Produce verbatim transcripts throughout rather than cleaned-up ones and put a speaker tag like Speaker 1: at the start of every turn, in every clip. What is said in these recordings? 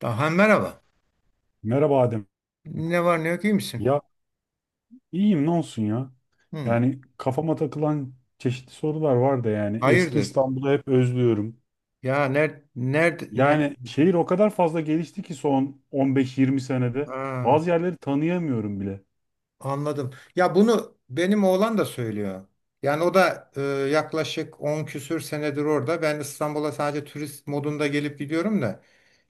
Speaker 1: Aha, merhaba.
Speaker 2: Merhaba Adem.
Speaker 1: Ne var ne yok iyi misin?
Speaker 2: Ya iyiyim ne olsun ya.
Speaker 1: Hı,
Speaker 2: Yani kafama takılan çeşitli sorular var da yani eski
Speaker 1: hayırdır?
Speaker 2: İstanbul'u hep özlüyorum.
Speaker 1: Ya nerede nerede ne?
Speaker 2: Yani şehir o kadar fazla gelişti ki son on beş yirmi senede
Speaker 1: Aa,
Speaker 2: bazı yerleri tanıyamıyorum bile.
Speaker 1: anladım. Ya bunu benim oğlan da söylüyor. Yani o da e, yaklaşık on küsür senedir orada. Ben İstanbul'a sadece turist modunda gelip gidiyorum da.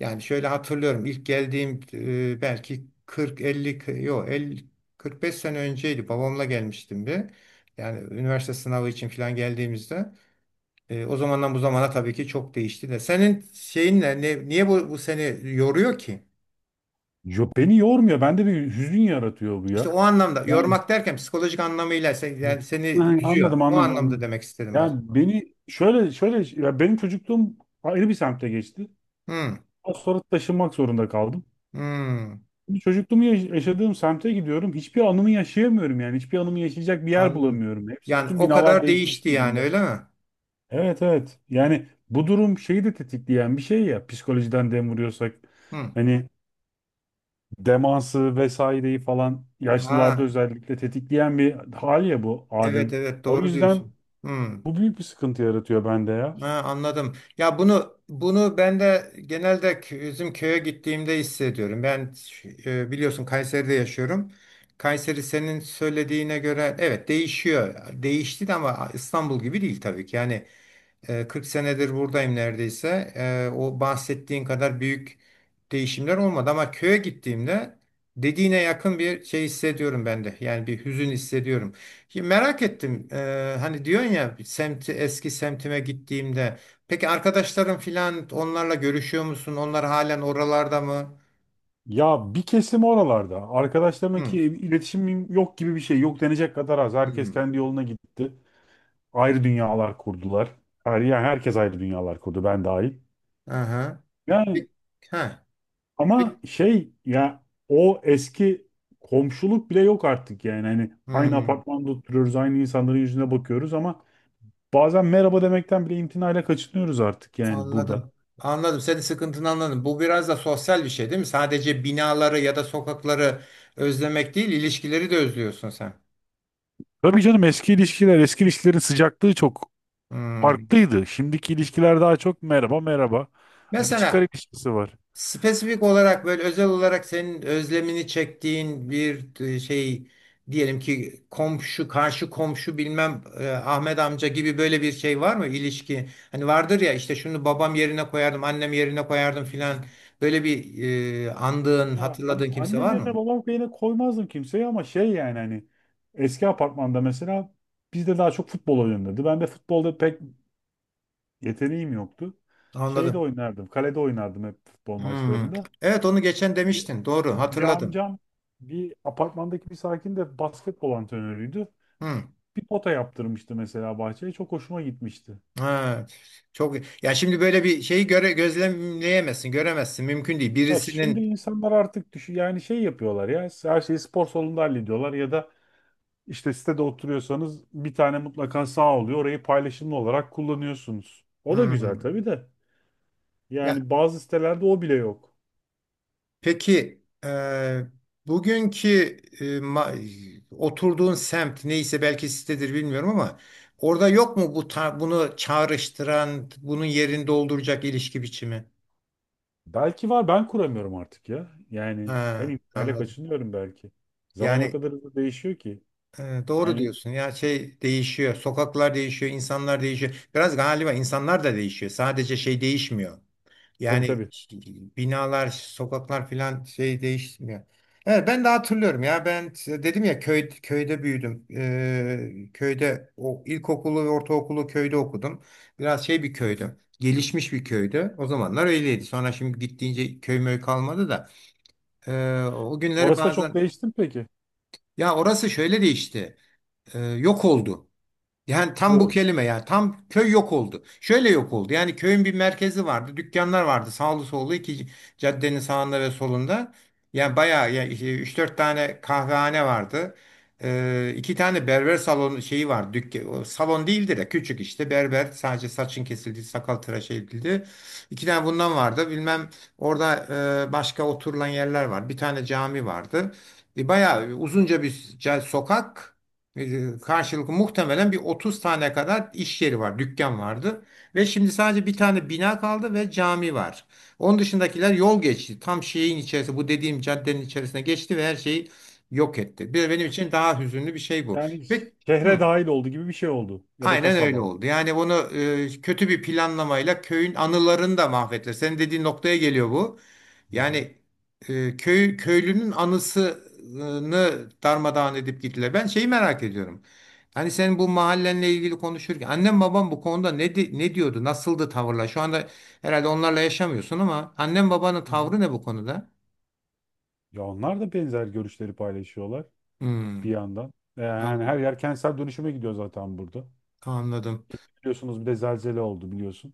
Speaker 1: Yani şöyle hatırlıyorum. İlk geldiğim e, belki kırk elli k- yok elli kırk beş sene önceydi. Babamla gelmiştim bir. Yani üniversite sınavı için falan geldiğimizde. E, o zamandan bu zamana tabii ki çok değişti de. Senin şeyin ne, ne- niye bu, bu seni yoruyor ki?
Speaker 2: Yo, beni yormuyor. Bende bir hüzün yaratıyor bu
Speaker 1: İşte
Speaker 2: ya.
Speaker 1: o anlamda
Speaker 2: Yani
Speaker 1: yormak derken psikolojik anlamıyla sen, yani seni
Speaker 2: ha,
Speaker 1: üzüyor.
Speaker 2: anladım
Speaker 1: O
Speaker 2: anladım
Speaker 1: anlamda
Speaker 2: anladım.
Speaker 1: demek istedim aslında.
Speaker 2: Yani beni şöyle şöyle ya benim çocukluğum ayrı bir semtte geçti.
Speaker 1: Hmm,
Speaker 2: Daha sonra taşınmak zorunda kaldım.
Speaker 1: hmm,
Speaker 2: Şimdi Çocukluğumu yaş- yaşadığım semte gidiyorum. Hiçbir anımı yaşayamıyorum yani. Hiçbir anımı yaşayacak bir yer
Speaker 1: anladım.
Speaker 2: bulamıyorum. Hepsi
Speaker 1: Yani
Speaker 2: bütün
Speaker 1: o
Speaker 2: binalar
Speaker 1: kadar
Speaker 2: değişmiş
Speaker 1: değişti yani
Speaker 2: durumda.
Speaker 1: öyle mi?
Speaker 2: Evet evet. Yani bu durum şeyi de tetikleyen bir şey ya. Psikolojiden dem vuruyorsak.
Speaker 1: Hmm.
Speaker 2: Hani demansı vesaireyi falan yaşlılarda
Speaker 1: Ha,
Speaker 2: özellikle tetikleyen bir hal ya bu
Speaker 1: evet,
Speaker 2: Adem.
Speaker 1: evet,
Speaker 2: O
Speaker 1: doğru
Speaker 2: yüzden
Speaker 1: diyorsun. Hmm.
Speaker 2: bu büyük bir sıkıntı yaratıyor bende ya.
Speaker 1: Ha, anladım. Ya bunu bunu ben de genelde kö- bizim köye gittiğimde hissediyorum. Ben e, biliyorsun Kayseri'de yaşıyorum. Kayseri senin söylediğine göre evet değişiyor. Değişti de ama İstanbul gibi değil tabii ki. Yani e, kırk senedir buradayım neredeyse. E, o bahsettiğin kadar büyük değişimler olmadı ama köye gittiğimde dediğine yakın bir şey hissediyorum ben de. Yani bir hüzün hissediyorum. Şimdi merak ettim. E, hani diyorsun ya semti eski semtime gittiğimde. Peki arkadaşların filan onlarla görüşüyor musun? Onlar halen oralarda mı?
Speaker 2: Ya bir kesim oralarda. Arkadaşlarımla ki
Speaker 1: Hı.
Speaker 2: iletişimim yok gibi bir şey. Yok denecek kadar az. Herkes
Speaker 1: Hı.
Speaker 2: kendi yoluna gitti. Ayrı dünyalar kurdular. Her, yani herkes ayrı dünyalar kurdu ben dahil.
Speaker 1: Aha.
Speaker 2: Yani
Speaker 1: Peki, ha. Peki.
Speaker 2: ama şey ya o eski komşuluk bile yok artık yani. Hani aynı
Speaker 1: Hı.
Speaker 2: apartmanda oturuyoruz, aynı insanların yüzüne bakıyoruz ama bazen merhaba demekten bile imtinayla kaçınıyoruz artık yani burada.
Speaker 1: Anladım. Anladım. Senin sıkıntını anladım. Bu biraz da sosyal bir şey değil mi? Sadece binaları ya da sokakları özlemek değil, ilişkileri de özlüyorsun sen.
Speaker 2: Tabii canım eski ilişkiler, eski ilişkilerin sıcaklığı çok
Speaker 1: Hmm.
Speaker 2: farklıydı. Şimdiki ilişkiler daha çok merhaba merhaba. Hani bir çıkar
Speaker 1: Mesela
Speaker 2: ilişkisi var.
Speaker 1: spesifik olarak böyle özel olarak senin özlemini çektiğin bir e, şey diyelim ki komşu, karşı komşu bilmem e, Ahmet amca gibi böyle bir şey var mı ilişki? Hani vardır ya işte şunu babam yerine koyardım, annem yerine koyardım filan. Böyle bir e, andığın,
Speaker 2: Ya an-
Speaker 1: hatırladığın kimse
Speaker 2: annem
Speaker 1: var
Speaker 2: yerine
Speaker 1: mı?
Speaker 2: babam yerine koymazdım kimseyi ama şey yani hani eski apartmanda mesela bizde daha çok futbol oynanırdı. Ben de futbolda pek yeteneğim yoktu. Şeyde
Speaker 1: Anladım.
Speaker 2: oynardım, kalede oynardım hep futbol
Speaker 1: Hmm.
Speaker 2: maçlarında.
Speaker 1: Evet onu geçen
Speaker 2: Bir,
Speaker 1: demiştin. Doğru
Speaker 2: bir
Speaker 1: hatırladım.
Speaker 2: amcam bir apartmandaki bir sakin de basketbol antrenörüydü.
Speaker 1: Hmm.
Speaker 2: Bir pota yaptırmıştı mesela bahçeye. Çok hoşuma gitmişti.
Speaker 1: Ha. Çok ya şimdi böyle bir şeyi göre gözlemleyemezsin, göremezsin. Mümkün değil.
Speaker 2: Ha, şimdi
Speaker 1: Birisinin.
Speaker 2: insanlar artık düşün yani şey yapıyorlar ya her şeyi spor salonunda hallediyorlar ya da işte sitede oturuyorsanız bir tane mutlaka sağ oluyor. Orayı paylaşımlı olarak kullanıyorsunuz. O da güzel
Speaker 1: Hmm.
Speaker 2: tabii de.
Speaker 1: Ya
Speaker 2: Yani bazı sitelerde o bile yok.
Speaker 1: peki e, bugünkü e, ma- oturduğun semt neyse belki sitedir bilmiyorum ama orada yok mu bu ta- bunu çağrıştıran, bunun yerini dolduracak ilişki biçimi?
Speaker 2: Belki var ben kuramıyorum artık ya. Yani ben
Speaker 1: Ha,
Speaker 2: internetle
Speaker 1: anladım.
Speaker 2: kaçınıyorum belki. Zaman o
Speaker 1: Yani
Speaker 2: kadar hızlı değişiyor ki.
Speaker 1: Ee, doğru
Speaker 2: Yani
Speaker 1: diyorsun. Ya şey değişiyor. Sokaklar değişiyor, insanlar değişiyor. Biraz galiba insanlar da değişiyor. Sadece şey değişmiyor.
Speaker 2: tabii
Speaker 1: Yani
Speaker 2: tabii.
Speaker 1: binalar, sokaklar filan şey değişmiyor. Evet, ben de hatırlıyorum ya. Ben dedim ya köy, köyde büyüdüm. Ee, köyde o ilkokulu ve ortaokulu köyde okudum. Biraz şey bir
Speaker 2: Hı hı.
Speaker 1: köydü. Gelişmiş bir köydü. O zamanlar öyleydi. Sonra şimdi gittiğince köy möy kalmadı da. Ee, o günleri
Speaker 2: Orası da çok
Speaker 1: bazen
Speaker 2: değişti mi peki?
Speaker 1: ya orası şöyle değişti. Ee, yok oldu. Yani tam bu
Speaker 2: O.
Speaker 1: kelime ya. Tam köy yok oldu. Şöyle yok oldu. Yani köyün bir merkezi vardı. Dükkanlar vardı. Sağlı sollu iki caddenin sağında ve solunda. Yani bayağı ya üç dört tane kahvehane vardı. Ee, iki tane berber salonu şeyi var. Dükkan, o salon değildi de küçük işte berber sadece saçın kesildi, sakal tıraş edildi. İki tane bundan vardı. Bilmem orada e, başka oturulan yerler var. Bir tane cami vardı. E, bayağı uzunca bir ca- sokak. E, Karşılıklı muhtemelen bir otuz tane kadar iş yeri var, dükkan vardı. Ve şimdi sadece bir tane bina kaldı ve cami var. Onun dışındakiler yol geçti. Tam şeyin içerisi, bu dediğim caddenin içerisine geçti ve her şeyi yok etti. Bir benim için daha hüzünlü bir şey bu.
Speaker 2: Yani
Speaker 1: Peki, hı.
Speaker 2: şehre dahil oldu gibi bir şey oldu ya da
Speaker 1: Aynen
Speaker 2: kasaba.
Speaker 1: öyle oldu. Yani bunu e, kötü bir planlamayla köyün anılarını da mahvettiler. Senin dediğin noktaya geliyor bu.
Speaker 2: Hı hı.
Speaker 1: Yani e, köy köylünün anısını darmadağın edip gittiler. Ben şeyi merak ediyorum. Hani senin bu mahallenle ilgili konuşurken annem babam bu konuda ne di- ne diyordu? Nasıldı tavırlar? Şu anda herhalde onlarla yaşamıyorsun ama annem babanın
Speaker 2: Hı hı.
Speaker 1: tavrı ne bu konuda?
Speaker 2: Ya onlar da benzer görüşleri paylaşıyorlar bir
Speaker 1: Hmm,
Speaker 2: yandan. E, Yani
Speaker 1: anladım.
Speaker 2: her yer kentsel dönüşüme gidiyor zaten burada.
Speaker 1: Anladım.
Speaker 2: Biliyorsunuz bir de zelzele oldu biliyorsun.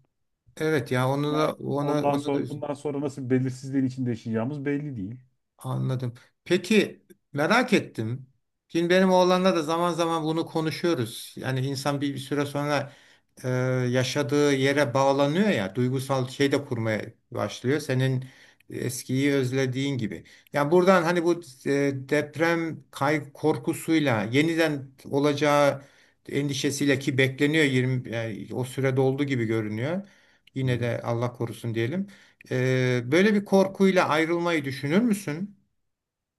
Speaker 1: Evet ya onu
Speaker 2: Yani
Speaker 1: da ona
Speaker 2: ondan
Speaker 1: ona da.
Speaker 2: sonra bundan sonra nasıl bir belirsizliğin içinde yaşayacağımız belli değil.
Speaker 1: Anladım. Peki merak ettim. Şimdi benim oğlanla da zaman zaman bunu konuşuyoruz. Yani insan bir, bir süre sonra e, yaşadığı yere bağlanıyor ya, duygusal şey de kurmaya başlıyor. Senin eskiyi özlediğin gibi. Yani buradan hani bu e, deprem kay korkusuyla yeniden olacağı endişesiyle ki bekleniyor yirmi yani o sürede olduğu gibi görünüyor.
Speaker 2: Hı
Speaker 1: Yine
Speaker 2: hı.
Speaker 1: de Allah korusun diyelim. E, böyle bir korkuyla ayrılmayı düşünür müsün?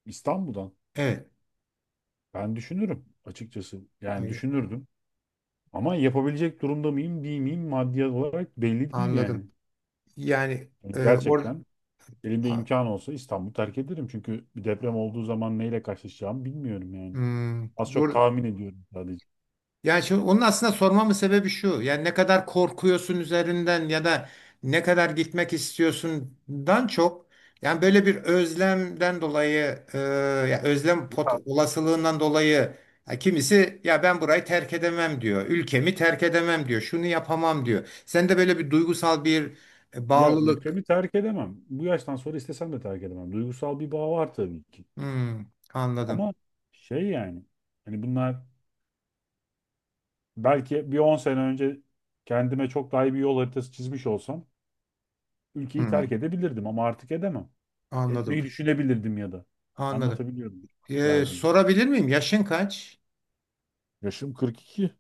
Speaker 2: İstanbul'dan
Speaker 1: Evet,
Speaker 2: ben düşünürüm açıkçası. Yani
Speaker 1: ay-
Speaker 2: düşünürdüm. Ama yapabilecek durumda mıyım, değil miyim maddi olarak belli değil yani.
Speaker 1: anladım. Yani
Speaker 2: Yani
Speaker 1: e, or,
Speaker 2: gerçekten, elimde
Speaker 1: a-
Speaker 2: imkan olsa İstanbul'u terk ederim. Çünkü bir deprem olduğu zaman neyle karşılaşacağımı bilmiyorum yani.
Speaker 1: hmm,
Speaker 2: Az çok
Speaker 1: bur-
Speaker 2: tahmin ediyorum sadece.
Speaker 1: yani şimdi onun aslında sormamın sebebi şu. Yani ne kadar korkuyorsun üzerinden ya da ne kadar gitmek istiyorsundan çok yani böyle bir özlemden dolayı e, ya özlem pot, olasılığından dolayı ya kimisi ya ben burayı terk edemem diyor. Ülkemi terk edemem diyor. Şunu yapamam diyor. Sen de böyle bir duygusal bir e,
Speaker 2: Ya
Speaker 1: bağlılık.
Speaker 2: ülkemi terk edemem. Bu yaştan sonra istesem de terk edemem. Duygusal bir bağ var tabii ki.
Speaker 1: Hmm, anladım.
Speaker 2: Ama şey yani. Hani bunlar belki bir on sene önce kendime çok daha iyi bir yol haritası çizmiş olsam ülkeyi
Speaker 1: Hmm,
Speaker 2: terk edebilirdim ama artık edemem.
Speaker 1: anladım.
Speaker 2: Etmeyi düşünebilirdim ya da.
Speaker 1: Anladım.
Speaker 2: Anlatabiliyorum
Speaker 1: Ee,
Speaker 2: derdim.
Speaker 1: sorabilir miyim? Yaşın kaç?
Speaker 2: Yaşım kırk iki.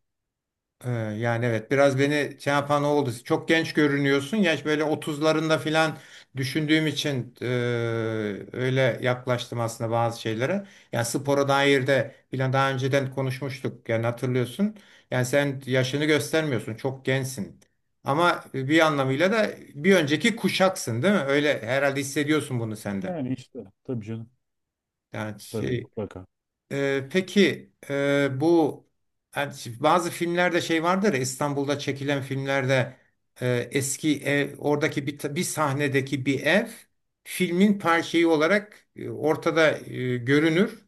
Speaker 1: Ee, yani evet biraz beni şey yapan o oldu. Çok genç görünüyorsun. Yaş böyle otuzlarında filan düşündüğüm için e, öyle yaklaştım aslında bazı şeylere. Yani spora dair de filan daha önceden konuşmuştuk. Yani hatırlıyorsun. Yani sen yaşını göstermiyorsun. Çok gençsin. Ama bir anlamıyla da bir önceki kuşaksın, değil mi? Öyle herhalde hissediyorsun bunu sende.
Speaker 2: Yani işte tabii canım.
Speaker 1: Yani
Speaker 2: Tabii
Speaker 1: şey.
Speaker 2: mutlaka.
Speaker 1: Ee, peki e, bu yani şi- bazı filmlerde şey vardır ya İstanbul'da çekilen filmlerde e, eski ev oradaki bir, ta- bir sahnedeki bir ev filmin parçayı olarak e, ortada e, görünür.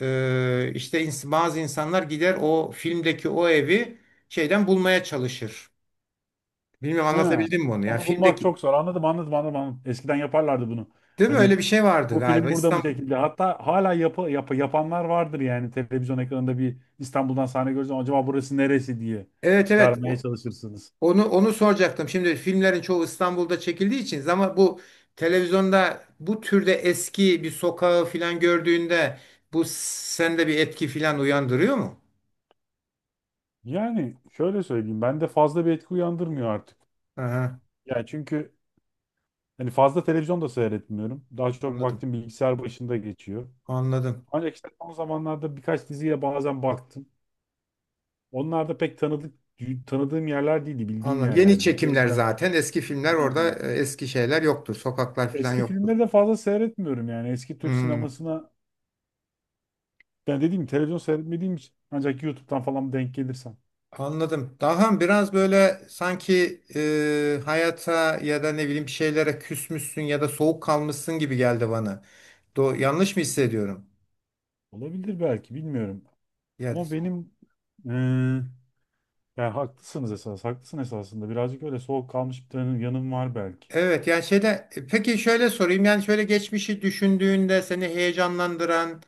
Speaker 1: Ee, işte ins- bazı insanlar gider o filmdeki o evi şeyden bulmaya çalışır. Bilmiyorum
Speaker 2: Ha,
Speaker 1: anlatabildim mi onu? Yani
Speaker 2: onu bulmak
Speaker 1: filmdeki
Speaker 2: çok zor. Anladım, anladım, anladım, anladım. Eskiden yaparlardı bunu.
Speaker 1: değil mi? Öyle
Speaker 2: Hani
Speaker 1: bir şey vardı
Speaker 2: bu
Speaker 1: galiba
Speaker 2: film burada mı
Speaker 1: İstanbul.
Speaker 2: çekildi? Hatta hala yapı, yapı yapanlar vardır yani televizyon ekranında bir İstanbul'dan sahne görürsen acaba burası neresi diye
Speaker 1: Evet, evet.
Speaker 2: çıkarmaya çalışırsınız.
Speaker 1: Onu onu soracaktım. Şimdi filmlerin çoğu İstanbul'da çekildiği için ama bu televizyonda bu türde eski bir sokağı filan gördüğünde bu sende bir etki filan uyandırıyor mu?
Speaker 2: Yani şöyle söyleyeyim, bende fazla bir etki uyandırmıyor artık.
Speaker 1: Aha,
Speaker 2: Yani çünkü hani fazla televizyon da seyretmiyorum. Daha çok
Speaker 1: anladım.
Speaker 2: vaktim bilgisayar başında geçiyor.
Speaker 1: Anladım.
Speaker 2: Ancak işte son zamanlarda birkaç diziye bazen baktım. Onlar da pek tanıdık tanıdığım yerler değildi, bildiğim
Speaker 1: Anladım. Yeni
Speaker 2: yerler değildi. O
Speaker 1: çekimler
Speaker 2: yüzden
Speaker 1: zaten eski filmler
Speaker 2: hı
Speaker 1: orada
Speaker 2: hı.
Speaker 1: e, eski şeyler yoktur. Sokaklar filan
Speaker 2: Eski
Speaker 1: yoktur.
Speaker 2: filmleri de fazla seyretmiyorum yani. Eski Türk
Speaker 1: Hmm,
Speaker 2: sinemasına ben dediğim gibi televizyon seyretmediğim için ancak YouTube'dan falan denk gelirsem.
Speaker 1: anladım. Daha biraz böyle sanki e, hayata ya da ne bileyim bir şeylere küsmüşsün ya da soğuk kalmışsın gibi geldi bana. Do yanlış mı hissediyorum?
Speaker 2: Olabilir belki bilmiyorum.
Speaker 1: Yani.
Speaker 2: Ama benim eee yani haklısınız esas. Haklısın esasında. Birazcık öyle soğuk kalmış bir tane yanım var belki.
Speaker 1: Evet yani şeyde e, peki şöyle sorayım yani şöyle geçmişi düşündüğünde seni heyecanlandıran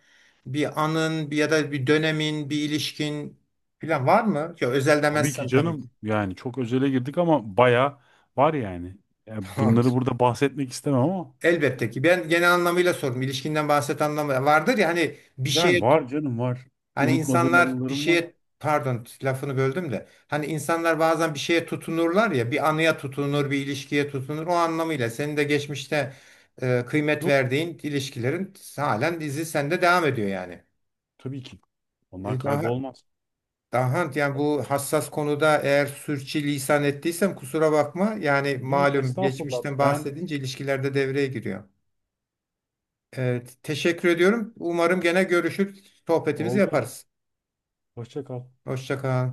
Speaker 1: bir anın bir ya da bir dönemin bir ilişkin falan var mı? Ya özel
Speaker 2: Tabii ki
Speaker 1: demezsen tabii
Speaker 2: canım
Speaker 1: ki.
Speaker 2: yani çok özele girdik ama baya var yani. Yani bunları
Speaker 1: Tamamdır.
Speaker 2: burada bahsetmek istemem ama
Speaker 1: Elbette ki. Ben genel anlamıyla sordum. İlişkinden bahset anlamı vardır ya hani bir şeye.
Speaker 2: yani var canım var.
Speaker 1: Hani
Speaker 2: Unutmadığım
Speaker 1: insanlar bir
Speaker 2: anılarım var.
Speaker 1: şeye pardon lafını böldüm de hani insanlar bazen bir şeye tutunurlar ya bir anıya tutunur bir ilişkiye tutunur o anlamıyla senin de geçmişte e, kıymet
Speaker 2: Yok
Speaker 1: verdiğin ilişkilerin halen dizi sende devam ediyor yani.
Speaker 2: tabii ki. Onlar
Speaker 1: E, daha
Speaker 2: kaybolmaz.
Speaker 1: daha yani bu hassas konuda eğer sürçülisan ettiysem kusura bakma yani
Speaker 2: Yok
Speaker 1: malum
Speaker 2: estağfurullah
Speaker 1: geçmişten
Speaker 2: ben
Speaker 1: bahsedince ilişkilerde devreye giriyor. Evet, teşekkür ediyorum. Umarım gene görüşür, sohbetimizi
Speaker 2: oldu.
Speaker 1: yaparız.
Speaker 2: Hoşça kal.
Speaker 1: Hoşça kal.